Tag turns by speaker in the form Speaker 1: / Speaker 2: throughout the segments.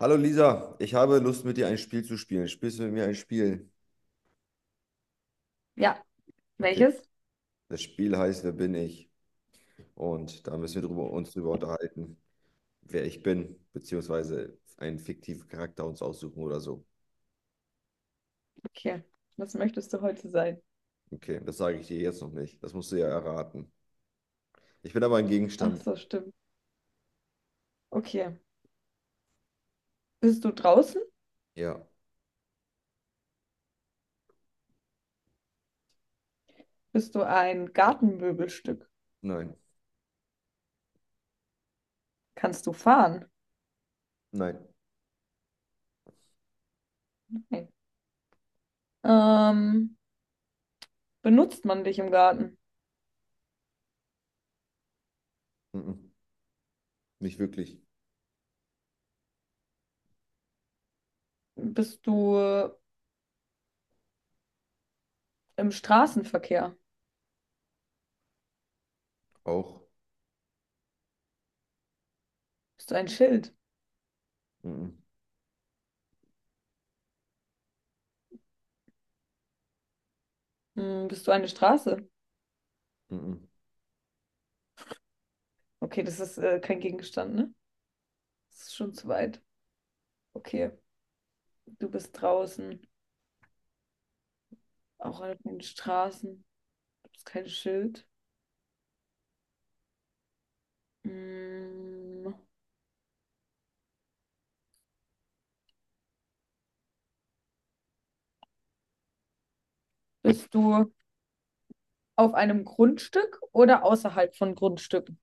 Speaker 1: Hallo Lisa, ich habe Lust mit dir ein Spiel zu spielen. Spielst du mit mir ein Spiel?
Speaker 2: Ja,
Speaker 1: Okay,
Speaker 2: welches?
Speaker 1: das Spiel heißt Wer bin ich? Und da müssen wir uns drüber unterhalten, wer ich bin, beziehungsweise einen fiktiven Charakter uns aussuchen oder so.
Speaker 2: Okay. Was möchtest du heute sein?
Speaker 1: Okay, das sage ich dir jetzt noch nicht. Das musst du ja erraten. Ich bin aber ein
Speaker 2: Ach
Speaker 1: Gegenstand.
Speaker 2: so, stimmt. Okay. Bist du draußen?
Speaker 1: Ja,
Speaker 2: Bist du ein Gartenmöbelstück?
Speaker 1: nein,
Speaker 2: Kannst du fahren?
Speaker 1: nein,
Speaker 2: Nein. Ähm, Benutzt man dich im Garten?
Speaker 1: mhm. Nicht wirklich.
Speaker 2: Bist du im Straßenverkehr?
Speaker 1: Auch.
Speaker 2: Bist du ein Schild?
Speaker 1: Mhm.
Speaker 2: Hm, bist du eine Straße?
Speaker 1: Mhm.
Speaker 2: Okay, das ist kein Gegenstand, ne? Das ist schon zu weit. Okay, du bist draußen, auch an den Straßen. Du bist kein Schild. Hm, bist du auf einem Grundstück oder außerhalb von Grundstücken?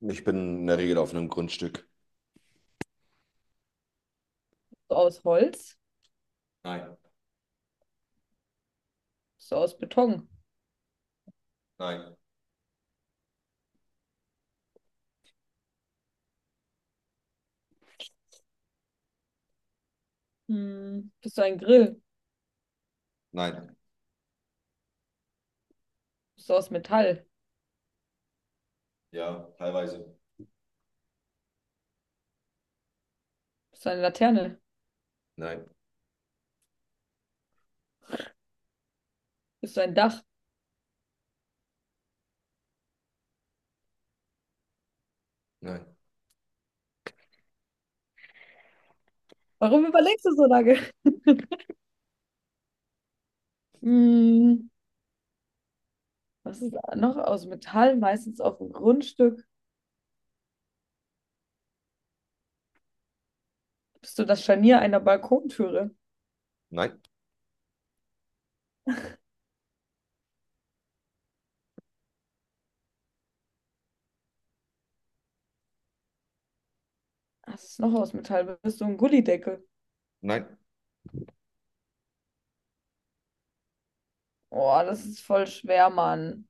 Speaker 1: Ich bin in der Regel auf einem Grundstück.
Speaker 2: Bist du aus Holz?
Speaker 1: Nein,
Speaker 2: Bist du aus Beton?
Speaker 1: nein,
Speaker 2: Hm. Bist du ein Grill?
Speaker 1: nein.
Speaker 2: Bist du aus Metall?
Speaker 1: Ja, teilweise.
Speaker 2: Bist du eine Laterne?
Speaker 1: Nein,
Speaker 2: Bist du ein Dach?
Speaker 1: nein,
Speaker 2: Warum überlegst du so lange? Hm. Was ist da noch aus Metall? Meistens auf dem Grundstück. Bist du das Scharnier einer Balkontüre?
Speaker 1: nein,
Speaker 2: Was ist noch aus Metall? Bist du ein Gullydeckel?
Speaker 1: nein.
Speaker 2: Oh, das ist voll schwer, Mann.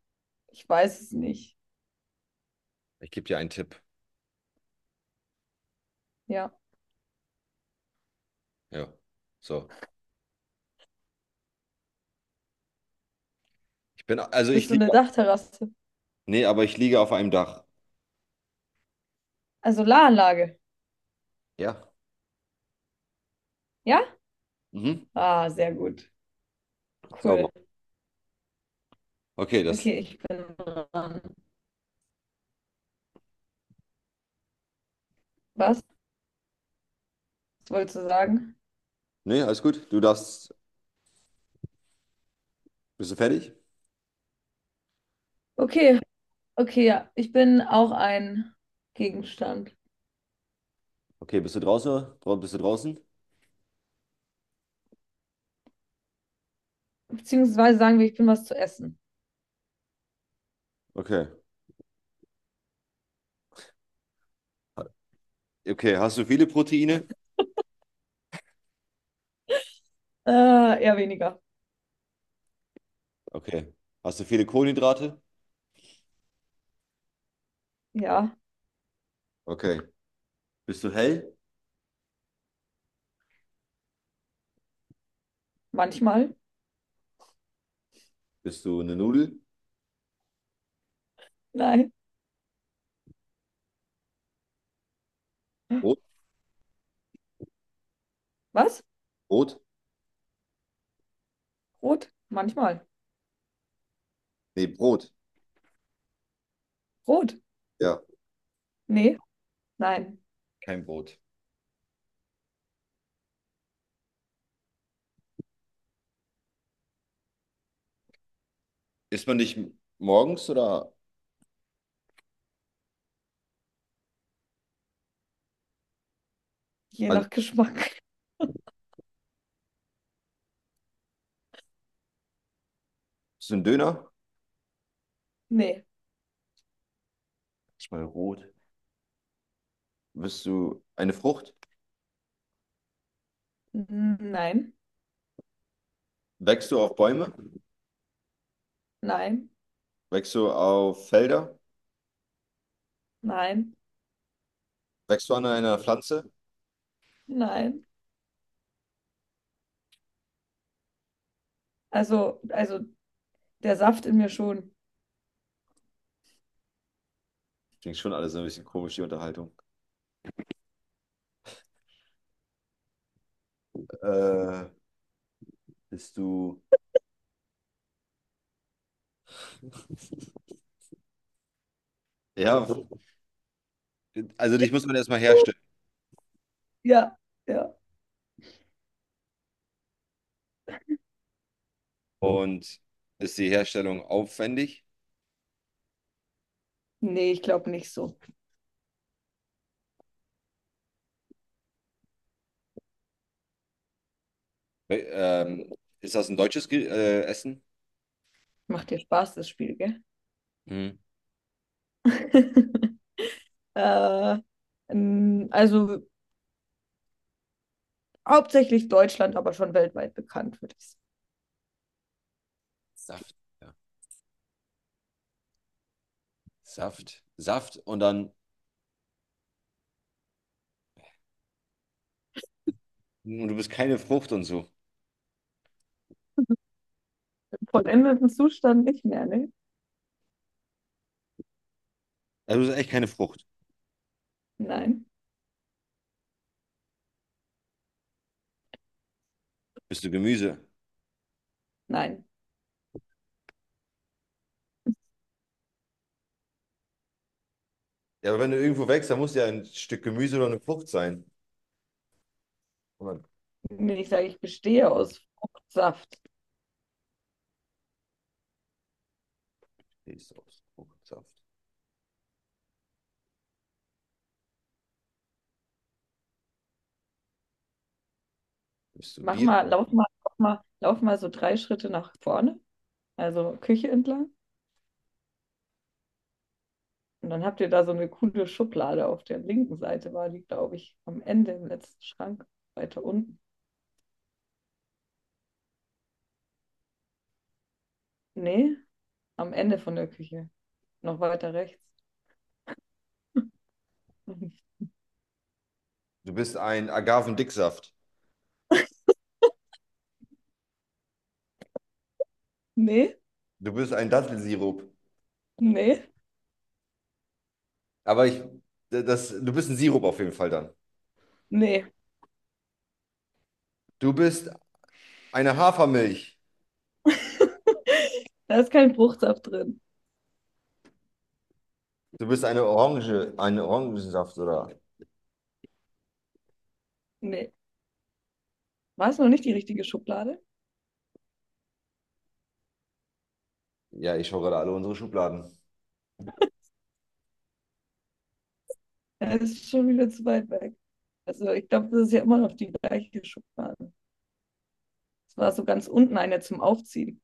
Speaker 2: Ich weiß es nicht.
Speaker 1: Ich gebe dir einen Tipp.
Speaker 2: Ja.
Speaker 1: Ja. So. Ich bin, also
Speaker 2: Bist
Speaker 1: ich
Speaker 2: du
Speaker 1: liege.
Speaker 2: eine Dachterrasse?
Speaker 1: Nee, aber ich liege auf einem Dach.
Speaker 2: Also Solaranlage.
Speaker 1: Ja.
Speaker 2: Ja?
Speaker 1: Mhm.
Speaker 2: Ah, sehr gut. Cool.
Speaker 1: Sauber. Okay, das.
Speaker 2: Okay, ich bin dran. Was? Was wolltest du sagen?
Speaker 1: Nee, alles gut. Du darfst. Bist du fertig?
Speaker 2: Okay, okay, ja. Ich bin auch ein Gegenstand.
Speaker 1: Okay, bist du draußen? Bist du draußen?
Speaker 2: Beziehungsweise sagen wir, ich bin was zu essen.
Speaker 1: Okay. Okay, hast du viele Proteine?
Speaker 2: Eher weniger.
Speaker 1: Okay. Hast du viele Kohlenhydrate?
Speaker 2: Ja,
Speaker 1: Okay. Bist du hell?
Speaker 2: manchmal.
Speaker 1: Bist du eine Nudel?
Speaker 2: Nein.
Speaker 1: Brot?
Speaker 2: Was?
Speaker 1: Brot?
Speaker 2: Rot? Manchmal.
Speaker 1: Nee, Brot.
Speaker 2: Rot?
Speaker 1: Ja.
Speaker 2: Nee. Nein.
Speaker 1: Kein Brot. Isst man dich morgens oder?
Speaker 2: Je
Speaker 1: Also,
Speaker 2: nach Geschmack.
Speaker 1: bist du ein Döner?
Speaker 2: Nee.
Speaker 1: Ist mal rot. Bist du eine Frucht?
Speaker 2: N- Nein.
Speaker 1: Wächst du auf Bäume?
Speaker 2: Nein.
Speaker 1: Wächst du auf Felder?
Speaker 2: Nein.
Speaker 1: Wächst du an einer Pflanze?
Speaker 2: Nein. Also der Saft in mir schon.
Speaker 1: Klingt schon alles so ein bisschen komisch, die Unterhaltung. Äh, Bist du. Ja, also dich muss man erstmal herstellen.
Speaker 2: Ja, ja.
Speaker 1: Und ist die Herstellung aufwendig?
Speaker 2: Nee, ich glaube nicht so.
Speaker 1: Wä- Ähm, Ist das ein deutsches Ge Essen?
Speaker 2: Macht dir Spaß, das Spiel, gell?
Speaker 1: Mhm.
Speaker 2: äh, also hauptsächlich Deutschland, aber schon weltweit bekannt, würde ich sagen.
Speaker 1: Saft, ja. Saft, Saft und dann. Und du bist keine Frucht und so.
Speaker 2: Vollendeten Zustand nicht mehr, ne?
Speaker 1: Also du bist echt keine Frucht.
Speaker 2: Nein,
Speaker 1: Bist du Gemüse?
Speaker 2: nein.
Speaker 1: Ja, aber wenn du irgendwo wächst, dann muss ja ein Stück Gemüse oder eine Frucht sein. Und dann
Speaker 2: Wenn ich sage, ich bestehe aus Fruchtsaft.
Speaker 1: stehst du aus Fruchtsaft. Bist du
Speaker 2: Mach
Speaker 1: Bier?
Speaker 2: mal, lauf mal, lauf mal, lauf mal so drei Schritte nach vorne, also Küche entlang. Und dann habt ihr da so eine coole Schublade auf der linken Seite, war die, glaube ich, am Ende im letzten Schrank, weiter unten. Nee, am Ende von der Küche, noch weiter rechts.
Speaker 1: Du bist ein Agavendicksaft.
Speaker 2: Nee,
Speaker 1: Du bist ein Dattelsirup.
Speaker 2: nee,
Speaker 1: Aber ich, Du bist ein Sirup auf jeden Fall dann.
Speaker 2: nee.
Speaker 1: Du bist eine Hafermilch.
Speaker 2: Da ist kein Fruchtsaft drin.
Speaker 1: Du bist eine Orange, ein Orangensaft oder.
Speaker 2: Nee. War es noch nicht die richtige Schublade?
Speaker 1: Ja, ich schaue gerade alle unsere Schubladen.
Speaker 2: Ja, das ist schon wieder zu weit weg. Also ich glaube, das ist ja immer noch die gleiche Schublade. Es war so ganz unten eine zum Aufziehen.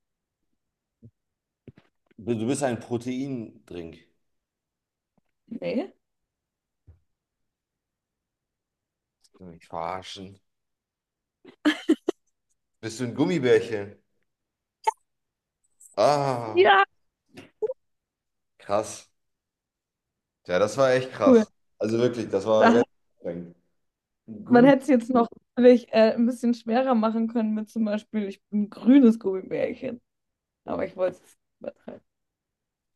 Speaker 1: Du bist ein Proteindrink. Willst
Speaker 2: Nee?
Speaker 1: Du mich verarschen. Bist du ein Gummibärchen? Ah,
Speaker 2: Ja,
Speaker 1: krass. Ja, das war echt
Speaker 2: cool.
Speaker 1: krass. Also wirklich, das war
Speaker 2: Da,
Speaker 1: sehr anstrengend. Ein
Speaker 2: man
Speaker 1: Gummi.
Speaker 2: hätte es jetzt noch natürlich, ein bisschen schwerer machen können mit zum Beispiel, ich bin ein grünes Gummibärchen. Aber ich wollte es nicht übertreiben.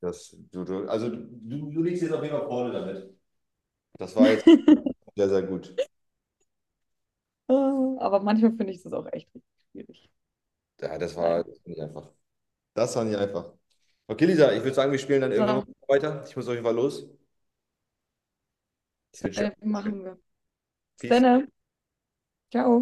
Speaker 1: Das, du liegst jetzt auf jeden Fall vorne damit. Das war jetzt sehr, sehr gut.
Speaker 2: Oh, aber manchmal finde ich das auch echt richtig schwierig.
Speaker 1: Ja,
Speaker 2: Naja.
Speaker 1: das war nicht einfach. Das war nicht einfach. Okay, Lisa, ich würde sagen, wir spielen dann irgendwann
Speaker 2: So,
Speaker 1: weiter. Ich muss auf jeden Fall los. Ich wünsche dir
Speaker 2: das
Speaker 1: alles Gute.
Speaker 2: machen wir. Bis dann,
Speaker 1: Peace.
Speaker 2: ne? Ciao.